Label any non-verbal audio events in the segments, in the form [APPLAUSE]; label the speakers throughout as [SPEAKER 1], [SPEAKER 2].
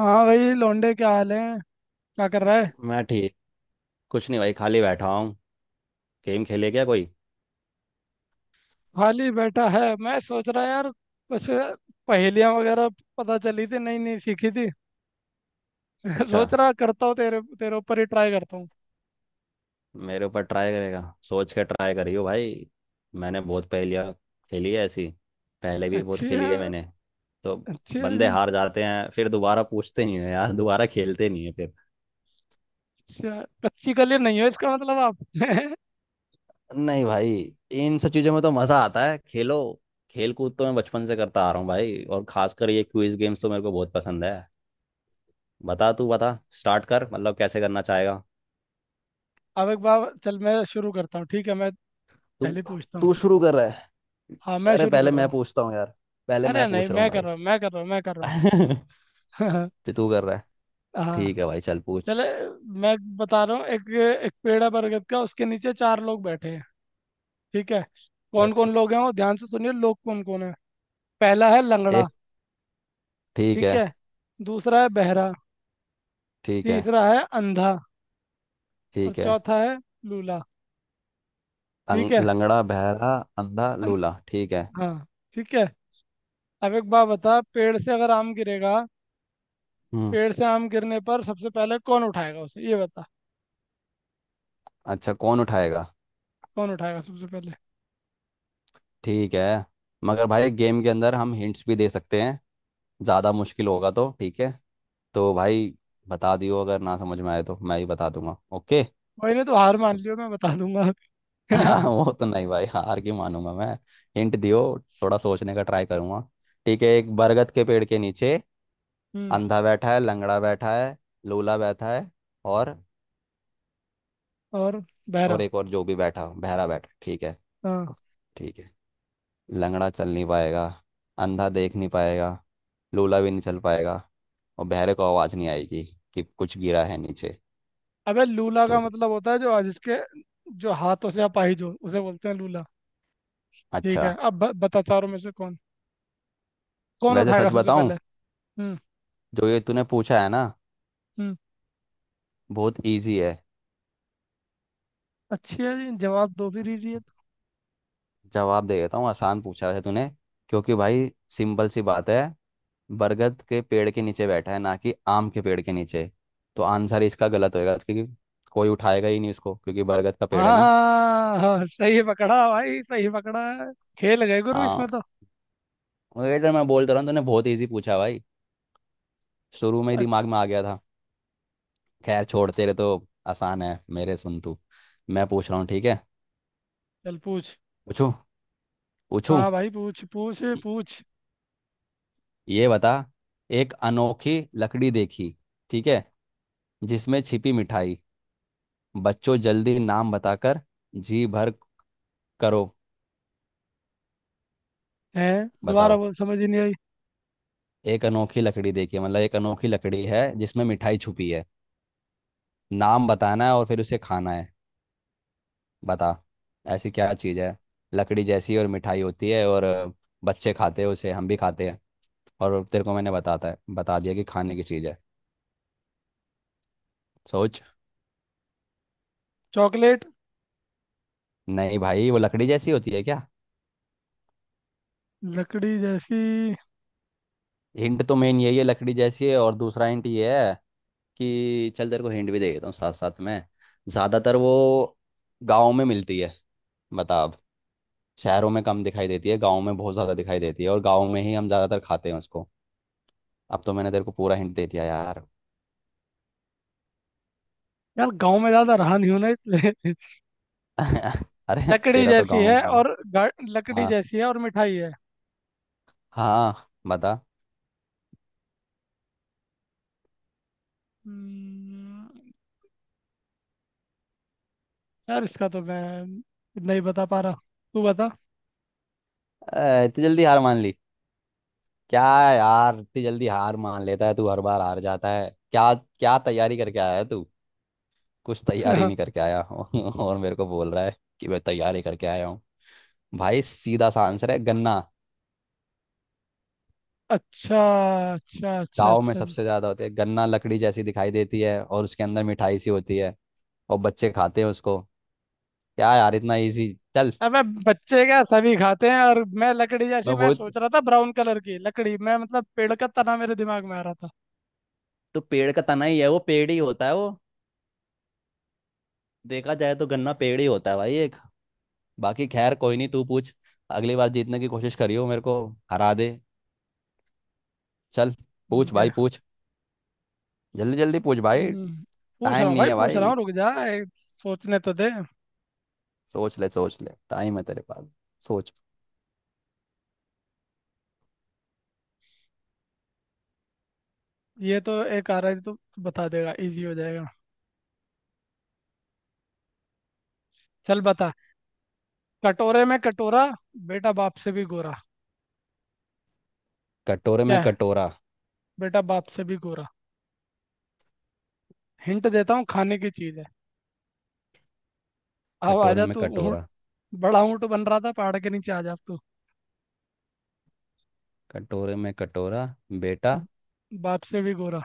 [SPEAKER 1] हाँ भाई लौंडे, क्या हाल है? क्या कर रहा है?
[SPEAKER 2] मैं ठीक। कुछ नहीं भाई, खाली बैठा हूँ। गेम खेले क्या कोई?
[SPEAKER 1] खाली बैठा है। मैं सोच रहा यार, कुछ पहेलियां वगैरह पता चली थी, नई नई सीखी थी। [LAUGHS]
[SPEAKER 2] अच्छा,
[SPEAKER 1] सोच रहा करता हूँ तेरे तेरे ऊपर ही ट्राई करता हूँ।
[SPEAKER 2] मेरे ऊपर ट्राई करेगा? सोच के ट्राई करियो भाई। मैंने बहुत पहेलियाँ खेली है ऐसी। पहले भी बहुत
[SPEAKER 1] अच्छी
[SPEAKER 2] खेली
[SPEAKER 1] है।
[SPEAKER 2] है मैंने। तो
[SPEAKER 1] अच्छी है
[SPEAKER 2] बंदे
[SPEAKER 1] जी।
[SPEAKER 2] हार जाते हैं, फिर दोबारा पूछते नहीं है यार, दोबारा खेलते नहीं है फिर।
[SPEAKER 1] अच्छा, कच्ची कली नहीं हो इसका मतलब आप। [LAUGHS]
[SPEAKER 2] नहीं भाई, इन सब चीज़ों में तो मज़ा आता है, खेलो। खेल कूद तो मैं बचपन से करता आ रहा हूँ भाई, और खासकर ये क्विज गेम्स तो मेरे को बहुत पसंद है। बता, तू बता, स्टार्ट कर, मतलब कैसे करना चाहेगा।
[SPEAKER 1] अब एक बार चल, मैं शुरू करता हूँ, ठीक है? मैं
[SPEAKER 2] तू
[SPEAKER 1] पहले पूछता हूँ।
[SPEAKER 2] तू शुरू कर रहा है?
[SPEAKER 1] हाँ, मैं
[SPEAKER 2] अरे
[SPEAKER 1] शुरू
[SPEAKER 2] पहले
[SPEAKER 1] कर रहा
[SPEAKER 2] मैं
[SPEAKER 1] हूँ।
[SPEAKER 2] पूछता हूँ यार। पहले
[SPEAKER 1] अरे
[SPEAKER 2] मैं
[SPEAKER 1] नहीं,
[SPEAKER 2] पूछ रहा हूँ
[SPEAKER 1] मैं कर रहा हूँ, मैं कर रहा हूँ, मैं कर रहा
[SPEAKER 2] भाई। [LAUGHS]
[SPEAKER 1] हूँ।
[SPEAKER 2] तो तू कर रहा है?
[SPEAKER 1] [LAUGHS] हाँ।
[SPEAKER 2] ठीक है भाई, चल पूछ।
[SPEAKER 1] चले। मैं बता रहा हूँ एक। एक पेड़ है बरगद का, उसके नीचे चार लोग बैठे हैं, ठीक है? कौन
[SPEAKER 2] अच्छा।
[SPEAKER 1] कौन लोग हैं वो ध्यान से सुनिए, लोग कौन कौन है। पहला है लंगड़ा,
[SPEAKER 2] एक। ठीक
[SPEAKER 1] ठीक
[SPEAKER 2] है।
[SPEAKER 1] है। दूसरा है बहरा।
[SPEAKER 2] ठीक है।
[SPEAKER 1] तीसरा है अंधा। और
[SPEAKER 2] ठीक है।
[SPEAKER 1] चौथा है लूला, ठीक है।
[SPEAKER 2] लंगड़ा, बहरा, अंधा,
[SPEAKER 1] अन...
[SPEAKER 2] लूला, ठीक है।
[SPEAKER 1] हाँ, ठीक है। अब एक बात बता, पेड़ से अगर आम गिरेगा,
[SPEAKER 2] हम्म।
[SPEAKER 1] पेड़ से आम गिरने पर सबसे पहले कौन उठाएगा उसे, ये बता।
[SPEAKER 2] अच्छा, कौन उठाएगा?
[SPEAKER 1] कौन उठाएगा सबसे पहले?
[SPEAKER 2] ठीक है। मगर भाई गेम के अंदर हम हिंट्स भी दे सकते हैं, ज़्यादा मुश्किल होगा तो। ठीक है तो भाई, बता दियो, अगर ना समझ में आए तो मैं ही बता दूंगा, ओके।
[SPEAKER 1] वही नहीं तो हार मान लियो, मैं बता दूंगा।
[SPEAKER 2] हाँ,
[SPEAKER 1] [LAUGHS]
[SPEAKER 2] वो तो नहीं भाई, हार की मानूंगा मैं। हिंट दियो, थोड़ा सोचने का ट्राई करूंगा। ठीक है, एक बरगद के पेड़ के नीचे
[SPEAKER 1] हम्म।
[SPEAKER 2] अंधा बैठा है, लंगड़ा बैठा है, लूला बैठा है, और
[SPEAKER 1] और बहरा।
[SPEAKER 2] और एक और जो भी बैठा हो, बहरा बैठा है। ठीक है।
[SPEAKER 1] हाँ।
[SPEAKER 2] ठीक है। लंगड़ा चल नहीं पाएगा, अंधा देख नहीं पाएगा, लूला भी नहीं चल पाएगा, और बहरे को आवाज़ नहीं आएगी कि कुछ गिरा है नीचे।
[SPEAKER 1] अबे लूला
[SPEAKER 2] तो
[SPEAKER 1] का
[SPEAKER 2] कुछ।
[SPEAKER 1] मतलब होता है जो जिसके, जो हाथों से अपाहिज हो उसे बोलते हैं लूला। ठीक
[SPEAKER 2] अच्छा,
[SPEAKER 1] है, अब बता चारों में से कौन कौन
[SPEAKER 2] वैसे
[SPEAKER 1] उठाएगा
[SPEAKER 2] सच
[SPEAKER 1] सबसे
[SPEAKER 2] बताऊं,
[SPEAKER 1] पहले? हम्म।
[SPEAKER 2] जो ये तूने पूछा है ना,
[SPEAKER 1] हम्म।
[SPEAKER 2] बहुत इजी है।
[SPEAKER 1] अच्छी है जी। जवाब दो भी दीजिए।
[SPEAKER 2] जवाब दे देता हूँ, आसान पूछा है तूने। क्योंकि भाई सिंपल सी बात है, बरगद के पेड़ के नीचे बैठा है, ना कि आम के पेड़ के नीचे। तो आंसर इसका गलत होएगा, क्योंकि कोई उठाएगा ही नहीं उसको, क्योंकि बरगद का पेड़ है ना।
[SPEAKER 1] हाँ। हाँ, सही पकड़ा भाई, सही पकड़ा है। खेल गए गुरु इसमें
[SPEAKER 2] हाँ,
[SPEAKER 1] तो।
[SPEAKER 2] वही तो मैं बोलता रहा हूँ, तूने बहुत इजी पूछा भाई। शुरू में ही दिमाग
[SPEAKER 1] अच्छा।
[SPEAKER 2] में आ गया था। खैर छोड़, तेरे तो आसान है, मेरे सुन तू। मैं पूछ रहा हूँ, ठीक है।
[SPEAKER 1] चल पूछ।
[SPEAKER 2] पूछू। पूछू।
[SPEAKER 1] हाँ भाई, पूछ पूछ पूछ।
[SPEAKER 2] ये बता, एक अनोखी लकड़ी देखी, ठीक है, जिसमें छिपी मिठाई, बच्चों जल्दी नाम बताकर जी भर करो।
[SPEAKER 1] है? दोबारा
[SPEAKER 2] बताओ,
[SPEAKER 1] बोल, समझ ही नहीं आई।
[SPEAKER 2] एक अनोखी लकड़ी देखिए, मतलब एक अनोखी लकड़ी है जिसमें मिठाई छुपी है। नाम बताना है और फिर उसे खाना है। बता। ऐसी क्या चीज़ है? लकड़ी जैसी और मिठाई होती है, और बच्चे खाते हैं उसे, हम भी खाते हैं। और तेरे को मैंने बताता है, बता दिया कि खाने की चीज़ है। सोच।
[SPEAKER 1] चॉकलेट।
[SPEAKER 2] नहीं भाई, वो लकड़ी जैसी होती है क्या?
[SPEAKER 1] लकड़ी जैसी।
[SPEAKER 2] हिंट तो मेन यही है, लकड़ी जैसी है, और दूसरा हिंट ये है कि चल तेरे को हिंट भी दे देता हूँ साथ साथ में। ज्यादातर वो गाँव में मिलती है। बता अब। शहरों में कम दिखाई देती है, गाँव में बहुत ज्यादा दिखाई देती है, और गाँव में ही हम ज्यादातर खाते हैं उसको। अब तो मैंने तेरे को पूरा हिंट दे दिया यार।
[SPEAKER 1] यार गांव में ज्यादा रहा नहीं हूं ना, इसलिए।
[SPEAKER 2] [LAUGHS]
[SPEAKER 1] [LAUGHS]
[SPEAKER 2] अरे
[SPEAKER 1] लकड़ी
[SPEAKER 2] तेरा तो
[SPEAKER 1] जैसी
[SPEAKER 2] गाँव में
[SPEAKER 1] है
[SPEAKER 2] ही है।
[SPEAKER 1] और लकड़ी
[SPEAKER 2] हाँ।
[SPEAKER 1] जैसी है और मिठाई है।
[SPEAKER 2] हाँ बता।
[SPEAKER 1] हम्म, यार इसका तो मैं नहीं बता पा रहा, तू बता।
[SPEAKER 2] ए, इतनी जल्दी हार मान ली क्या यार? इतनी जल्दी हार मान लेता है तू, हर बार हार जाता है, क्या क्या तैयारी करके आया है तू? कुछ तैयारी नहीं
[SPEAKER 1] [LAUGHS]
[SPEAKER 2] करके आया [LAUGHS] और मेरे को बोल रहा है कि मैं तैयारी करके आया हूँ। भाई सीधा सा आंसर है, गन्ना।
[SPEAKER 1] अच्छा अच्छा अच्छा।
[SPEAKER 2] गांव में
[SPEAKER 1] अच्छा
[SPEAKER 2] सबसे ज्यादा होते हैं गन्ना, लकड़ी जैसी दिखाई देती है और उसके अंदर मिठाई सी होती है, और बच्चे खाते हैं उसको। क्या यार, इतना इजी। चल।
[SPEAKER 1] अबे, बच्चे क्या सभी खाते हैं? और मैं लकड़ी
[SPEAKER 2] मैं
[SPEAKER 1] जैसी, मैं
[SPEAKER 2] वो,
[SPEAKER 1] सोच रहा था ब्राउन कलर की लकड़ी, मैं मतलब पेड़ का तना मेरे दिमाग में आ रहा था।
[SPEAKER 2] तो पेड़ का तना ही है वो, पेड़ ही होता है वो। देखा जाए तो गन्ना पेड़ ही होता है भाई, एक। बाकी खैर कोई नहीं, तू पूछ। अगली बार जीतने की कोशिश करियो, मेरे को हरा दे। चल पूछ
[SPEAKER 1] ठीक है।
[SPEAKER 2] भाई पूछ। जल्दी जल्दी पूछ भाई।
[SPEAKER 1] हम्म, पूछ रहा
[SPEAKER 2] टाइम
[SPEAKER 1] हूँ
[SPEAKER 2] नहीं
[SPEAKER 1] भाई,
[SPEAKER 2] है
[SPEAKER 1] पूछ रहा
[SPEAKER 2] भाई।
[SPEAKER 1] हूँ, रुक जा एक। सोचने तो दे।
[SPEAKER 2] सोच ले, सोच ले, टाइम है तेरे पास। सोच।
[SPEAKER 1] ये तो एक आ रहा है, तो तू बता देगा, इजी हो जाएगा। चल बता। कटोरे में कटोरा, बेटा बाप से भी गोरा।
[SPEAKER 2] कटोरे में
[SPEAKER 1] क्या है?
[SPEAKER 2] कटोरा।
[SPEAKER 1] बेटा बाप से भी गोरा। हिंट देता हूँ, खाने की चीज है। अब
[SPEAKER 2] कटोरे
[SPEAKER 1] आजा
[SPEAKER 2] में
[SPEAKER 1] तू ऊँट,
[SPEAKER 2] कटोरा।
[SPEAKER 1] बड़ा ऊँट बन रहा था पहाड़ के नीचे, आ जा अब तू।
[SPEAKER 2] कटोरे में कटोरा बेटा।
[SPEAKER 1] बाप से भी गोरा।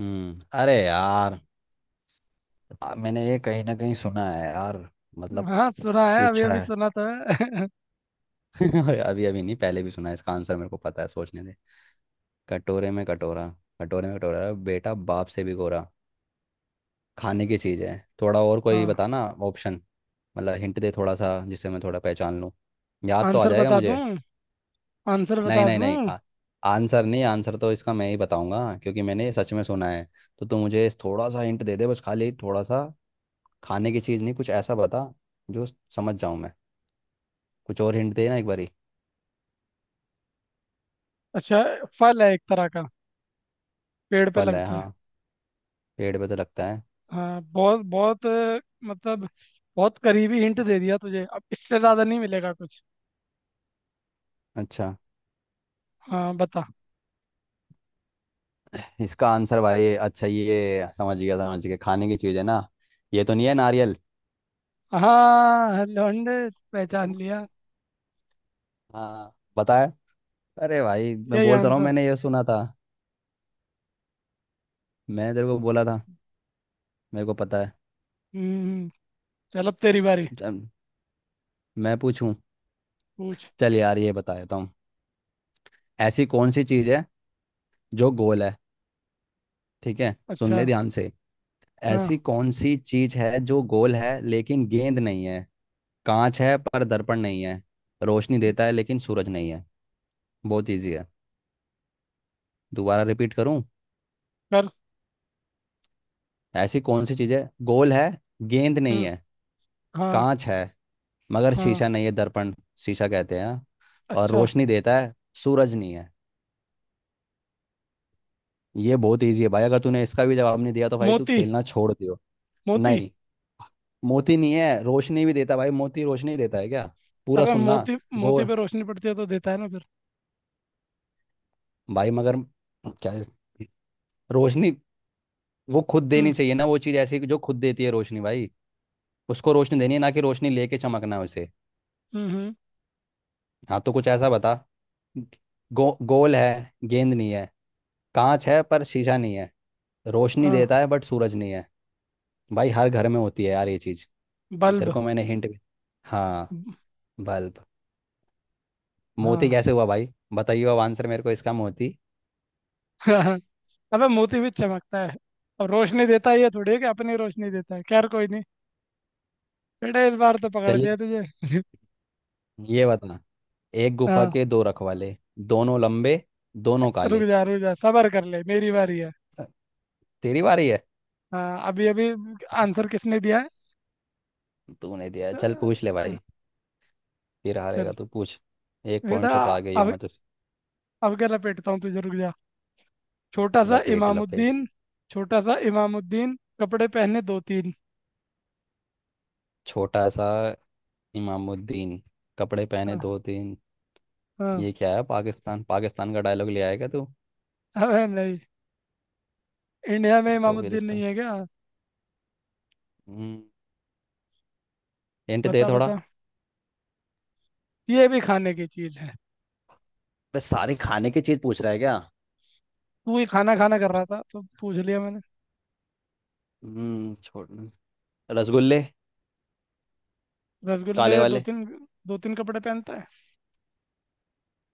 [SPEAKER 2] अरे यार। मैंने ये कहीं ना कहीं सुना है यार, मतलब
[SPEAKER 1] हाँ सुना है, अभी
[SPEAKER 2] पूछा
[SPEAKER 1] अभी
[SPEAKER 2] है।
[SPEAKER 1] सुना तो है।
[SPEAKER 2] [LAUGHS] अभी अभी नहीं, पहले भी सुना है, इसका आंसर मेरे को पता है, सोचने दे। कटोरे में कटोरा। कटोरे में कटोरा बेटा बाप से भी गोरा। खाने की चीज़ है, थोड़ा और
[SPEAKER 1] [LAUGHS]
[SPEAKER 2] कोई
[SPEAKER 1] हाँ।
[SPEAKER 2] बताना ऑप्शन। मतलब हिंट दे थोड़ा सा, जिससे मैं थोड़ा पहचान लूँ। याद तो आ
[SPEAKER 1] आंसर
[SPEAKER 2] जाएगा
[SPEAKER 1] बता दूं?
[SPEAKER 2] मुझे।
[SPEAKER 1] आंसर
[SPEAKER 2] नहीं,
[SPEAKER 1] बता
[SPEAKER 2] नहीं, नहीं
[SPEAKER 1] दूं?
[SPEAKER 2] आंसर नहीं, आंसर तो इसका मैं ही बताऊंगा क्योंकि मैंने सच में सुना है। तो तू मुझे थोड़ा सा हिंट दे दे, बस खाली थोड़ा सा। खाने की चीज़ नहीं, कुछ ऐसा बता जो समझ जाऊं मैं। कुछ और हिंट देना एक बारी।
[SPEAKER 1] अच्छा, फल है एक तरह का, पेड़ पे
[SPEAKER 2] फल है,
[SPEAKER 1] लगता है।
[SPEAKER 2] हाँ। पेड़ पे तो लगता है।
[SPEAKER 1] हाँ, बहुत बहुत मतलब बहुत करीबी हिंट दे दिया तुझे, अब इससे ज्यादा नहीं मिलेगा कुछ।
[SPEAKER 2] अच्छा
[SPEAKER 1] हाँ बता।
[SPEAKER 2] इसका आंसर भाई, अच्छा ये समझ गया समझ गया, खाने की चीज़ है ना? ये तो नहीं है नारियल?
[SPEAKER 1] हाँ लौंडे, पहचान लिया।
[SPEAKER 2] हाँ बताया। अरे भाई, मैं
[SPEAKER 1] यही
[SPEAKER 2] बोल तो रहा हूँ,
[SPEAKER 1] आंसर।
[SPEAKER 2] मैंने ये सुना था। मैं तेरे को बोला था। मेरे को पता है।
[SPEAKER 1] हम्म। चल अब तेरी बारी।
[SPEAKER 2] चल, मैं पूछूं।
[SPEAKER 1] पूछ।
[SPEAKER 2] चल यार ये बता देता हूँ। ऐसी कौन सी चीज़ है जो गोल है? ठीक है, सुन
[SPEAKER 1] अच्छा।
[SPEAKER 2] ले ध्यान से। ऐसी
[SPEAKER 1] हाँ
[SPEAKER 2] कौन सी चीज़ है जो गोल है लेकिन गेंद नहीं है, कांच है पर दर्पण नहीं है, रोशनी देता है लेकिन सूरज नहीं है? बहुत इजी है। दोबारा रिपीट करूं?
[SPEAKER 1] कर।
[SPEAKER 2] ऐसी कौन सी चीज है, गोल है, गेंद नहीं
[SPEAKER 1] हम्म।
[SPEAKER 2] है,
[SPEAKER 1] हाँ।
[SPEAKER 2] कांच है मगर
[SPEAKER 1] हाँ।
[SPEAKER 2] शीशा नहीं है। दर्पण, शीशा कहते हैं। और
[SPEAKER 1] अच्छा।
[SPEAKER 2] रोशनी देता है, सूरज नहीं है। ये बहुत इजी है भाई, अगर तूने इसका भी जवाब नहीं दिया तो भाई तू
[SPEAKER 1] मोती।
[SPEAKER 2] खेलना छोड़ दियो।
[SPEAKER 1] मोती।
[SPEAKER 2] नहीं, मोती नहीं है, रोशनी भी देता है भाई, मोती रोशनी देता है क्या? पूरा
[SPEAKER 1] अबे
[SPEAKER 2] सुनना।
[SPEAKER 1] मोती। मोती
[SPEAKER 2] गोल।
[SPEAKER 1] पे रोशनी पड़ती है तो देता है ना फिर।
[SPEAKER 2] भाई मगर क्या रोशनी, वो खुद देनी
[SPEAKER 1] हम्म।
[SPEAKER 2] चाहिए ना, वो चीज ऐसी कि जो खुद देती है रोशनी भाई। उसको रोशनी देनी है, ना कि रोशनी लेके चमकना है उसे।
[SPEAKER 1] हम्म।
[SPEAKER 2] हाँ तो कुछ ऐसा बता। गोल है गेंद नहीं है, कांच है पर शीशा नहीं है, रोशनी
[SPEAKER 1] हाँ।
[SPEAKER 2] देता है बट सूरज नहीं है। भाई हर घर में होती है यार ये चीज। इधर
[SPEAKER 1] बल्ब।
[SPEAKER 2] को मैंने हिंट भी। हाँ। बल्ब। मोती
[SPEAKER 1] हाँ।
[SPEAKER 2] कैसे हुआ भाई? बताइए अब आंसर मेरे को इसका, मोती?
[SPEAKER 1] [LAUGHS] अबे मोती भी चमकता है। अब रोशनी देता है ये थोड़ी है कि अपनी रोशनी देता है, खैर कोई नहीं। बेटा इस बार तो पकड़
[SPEAKER 2] चलिए,
[SPEAKER 1] दिया तुझे। [LAUGHS]
[SPEAKER 2] ये बता। एक गुफा
[SPEAKER 1] हाँ,
[SPEAKER 2] के दो रखवाले, दोनों लंबे, दोनों
[SPEAKER 1] रुक
[SPEAKER 2] काले।
[SPEAKER 1] जा रुक जा, सबर कर ले, मेरी बारी है।
[SPEAKER 2] तेरी बारी है।
[SPEAKER 1] हाँ अभी अभी। आंसर किसने दिया है?
[SPEAKER 2] तूने दिया, चल पूछ ले
[SPEAKER 1] अ,
[SPEAKER 2] भाई। फिर
[SPEAKER 1] चल
[SPEAKER 2] हारेगा तू, पूछ। एक
[SPEAKER 1] बेटा,
[SPEAKER 2] पॉइंट से तो आगे ही हूँ
[SPEAKER 1] अब
[SPEAKER 2] मैं तो।
[SPEAKER 1] अब क्या लपेटता हूँ तुझे, रुक जा। छोटा सा
[SPEAKER 2] लपेट लपेट।
[SPEAKER 1] इमामुद्दीन, छोटा सा इमामुद्दीन कपड़े पहने दो तीन।
[SPEAKER 2] छोटा सा इमामुद्दीन कपड़े पहने
[SPEAKER 1] हाँ।
[SPEAKER 2] दो तीन?
[SPEAKER 1] हाँ।
[SPEAKER 2] ये क्या है, पाकिस्तान पाकिस्तान का डायलॉग ले आएगा तू?
[SPEAKER 1] अबे नहीं, इंडिया में
[SPEAKER 2] तो फिर
[SPEAKER 1] इमामुद्दीन नहीं
[SPEAKER 2] इसका।
[SPEAKER 1] है क्या?
[SPEAKER 2] हम्म। हिंट दे
[SPEAKER 1] बता
[SPEAKER 2] थोड़ा।
[SPEAKER 1] बता, ये भी खाने की चीज है।
[SPEAKER 2] बस सारे खाने की चीज पूछ रहा है क्या?
[SPEAKER 1] तू ही खाना खाना कर
[SPEAKER 2] कुछ।
[SPEAKER 1] रहा था तो पूछ लिया मैंने।
[SPEAKER 2] छोड़। रसगुल्ले।
[SPEAKER 1] रसगुल्ले
[SPEAKER 2] काले
[SPEAKER 1] दो
[SPEAKER 2] वाले।
[SPEAKER 1] तीन। दो तीन कपड़े पहनता है।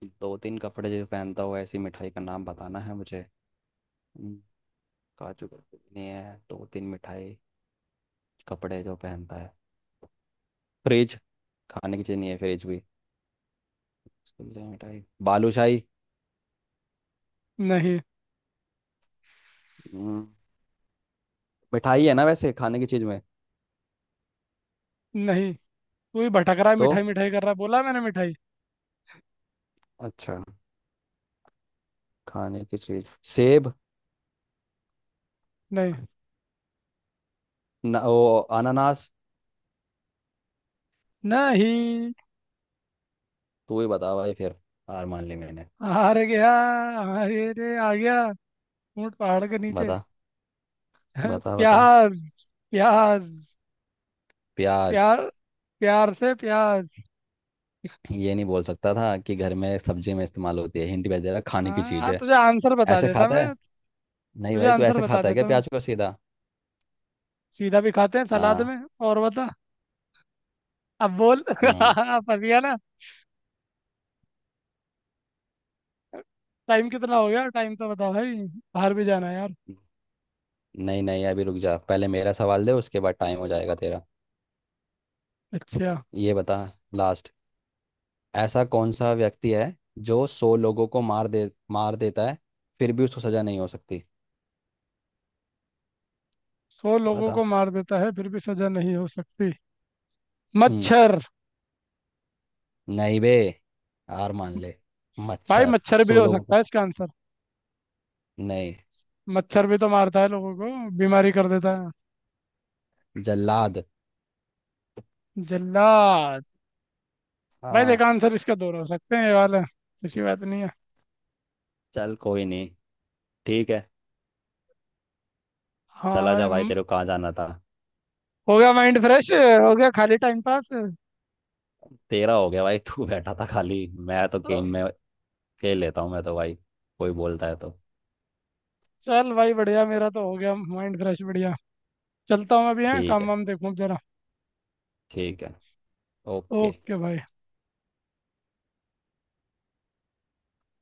[SPEAKER 2] दो तीन कपड़े जो पहनता हुआ, ऐसी मिठाई का नाम बताना है मुझे। हम्म, काजू बर्फी भी नहीं है, दो तीन मिठाई कपड़े जो पहनता है। फ्रिज। खाने की चीज नहीं है फ्रिज भी। रसगुल्ले, मिठाई, बालूशाही।
[SPEAKER 1] नहीं।
[SPEAKER 2] हम्म, मिठाई है ना वैसे खाने की चीज में।
[SPEAKER 1] नहीं। तू ही भटक रहा है,
[SPEAKER 2] तो
[SPEAKER 1] मिठाई मिठाई कर रहा है, बोला मैंने मिठाई।
[SPEAKER 2] अच्छा, खाने की चीज, सेब?
[SPEAKER 1] नहीं।
[SPEAKER 2] न, वो, अनानास?
[SPEAKER 1] नहीं।
[SPEAKER 2] तू ही बता भाई फिर, हार मान ली मैंने।
[SPEAKER 1] हार गया। अरे आ गया, ऊँट पहाड़ के नीचे।
[SPEAKER 2] बता,
[SPEAKER 1] [LAUGHS]
[SPEAKER 2] बता, बता,
[SPEAKER 1] प्याज। प्याज।
[SPEAKER 2] प्याज?
[SPEAKER 1] प्यार, प्यार से प्याज।
[SPEAKER 2] ये नहीं बोल सकता था कि घर में सब्जी में इस्तेमाल होती है, हिंट भेज दे रहा खाने की चीज
[SPEAKER 1] हाँ
[SPEAKER 2] है।
[SPEAKER 1] तुझे आंसर बता
[SPEAKER 2] ऐसे
[SPEAKER 1] देता
[SPEAKER 2] खाता
[SPEAKER 1] मैं।
[SPEAKER 2] है? नहीं
[SPEAKER 1] तुझे
[SPEAKER 2] भाई, तू
[SPEAKER 1] आंसर
[SPEAKER 2] ऐसे
[SPEAKER 1] बता
[SPEAKER 2] खाता है क्या
[SPEAKER 1] देता मैं।
[SPEAKER 2] प्याज को सीधा?
[SPEAKER 1] सीधा भी खाते हैं सलाद
[SPEAKER 2] हाँ।
[SPEAKER 1] में। और बता। अब बोल। [LAUGHS]
[SPEAKER 2] हम्म,
[SPEAKER 1] फंस गया ना। टाइम कितना हो गया? टाइम तो बताओ भाई, बाहर भी जाना है यार।
[SPEAKER 2] नहीं नहीं अभी रुक जा, पहले मेरा सवाल दे, उसके बाद टाइम हो जाएगा तेरा।
[SPEAKER 1] अच्छा।
[SPEAKER 2] ये बता, लास्ट। ऐसा कौन सा व्यक्ति है जो 100 लोगों को मार दे, मार देता है, फिर भी उसको सजा नहीं हो सकती?
[SPEAKER 1] 100 लोगों
[SPEAKER 2] बता।
[SPEAKER 1] को मार देता है फिर भी सजा नहीं हो सकती?
[SPEAKER 2] हम्म।
[SPEAKER 1] मच्छर।
[SPEAKER 2] नहीं बे, हार मान ले।
[SPEAKER 1] भाई
[SPEAKER 2] मच्छर,
[SPEAKER 1] मच्छर भी
[SPEAKER 2] 100
[SPEAKER 1] हो
[SPEAKER 2] लोगों
[SPEAKER 1] सकता
[SPEAKER 2] को,
[SPEAKER 1] है इसका आंसर।
[SPEAKER 2] नहीं।
[SPEAKER 1] मच्छर भी तो मारता है लोगों को, बीमारी कर देता है।
[SPEAKER 2] जल्लाद।
[SPEAKER 1] जल्लाद। भाई देखो,
[SPEAKER 2] हाँ।
[SPEAKER 1] आंसर इसका दो हो सकते हैं, ये वाला ऐसी बात नहीं है।
[SPEAKER 2] चल कोई नहीं, ठीक है।
[SPEAKER 1] हाँ
[SPEAKER 2] चला जा
[SPEAKER 1] भाई,
[SPEAKER 2] भाई, तेरे को कहाँ जाना था।
[SPEAKER 1] हो गया माइंड फ्रेश, हो गया, खाली टाइम पास
[SPEAKER 2] तेरा हो गया भाई, तू बैठा था खाली, मैं तो
[SPEAKER 1] तो।
[SPEAKER 2] गेम में खेल लेता हूँ मैं तो भाई, कोई बोलता है तो।
[SPEAKER 1] चल भाई बढ़िया, मेरा तो हो गया माइंड फ्रेश, बढ़िया। चलता हूँ अभी, है
[SPEAKER 2] ठीक
[SPEAKER 1] काम
[SPEAKER 2] है।
[SPEAKER 1] वाम देखूँ जरा।
[SPEAKER 2] ठीक है। ओके।
[SPEAKER 1] ओके भाई।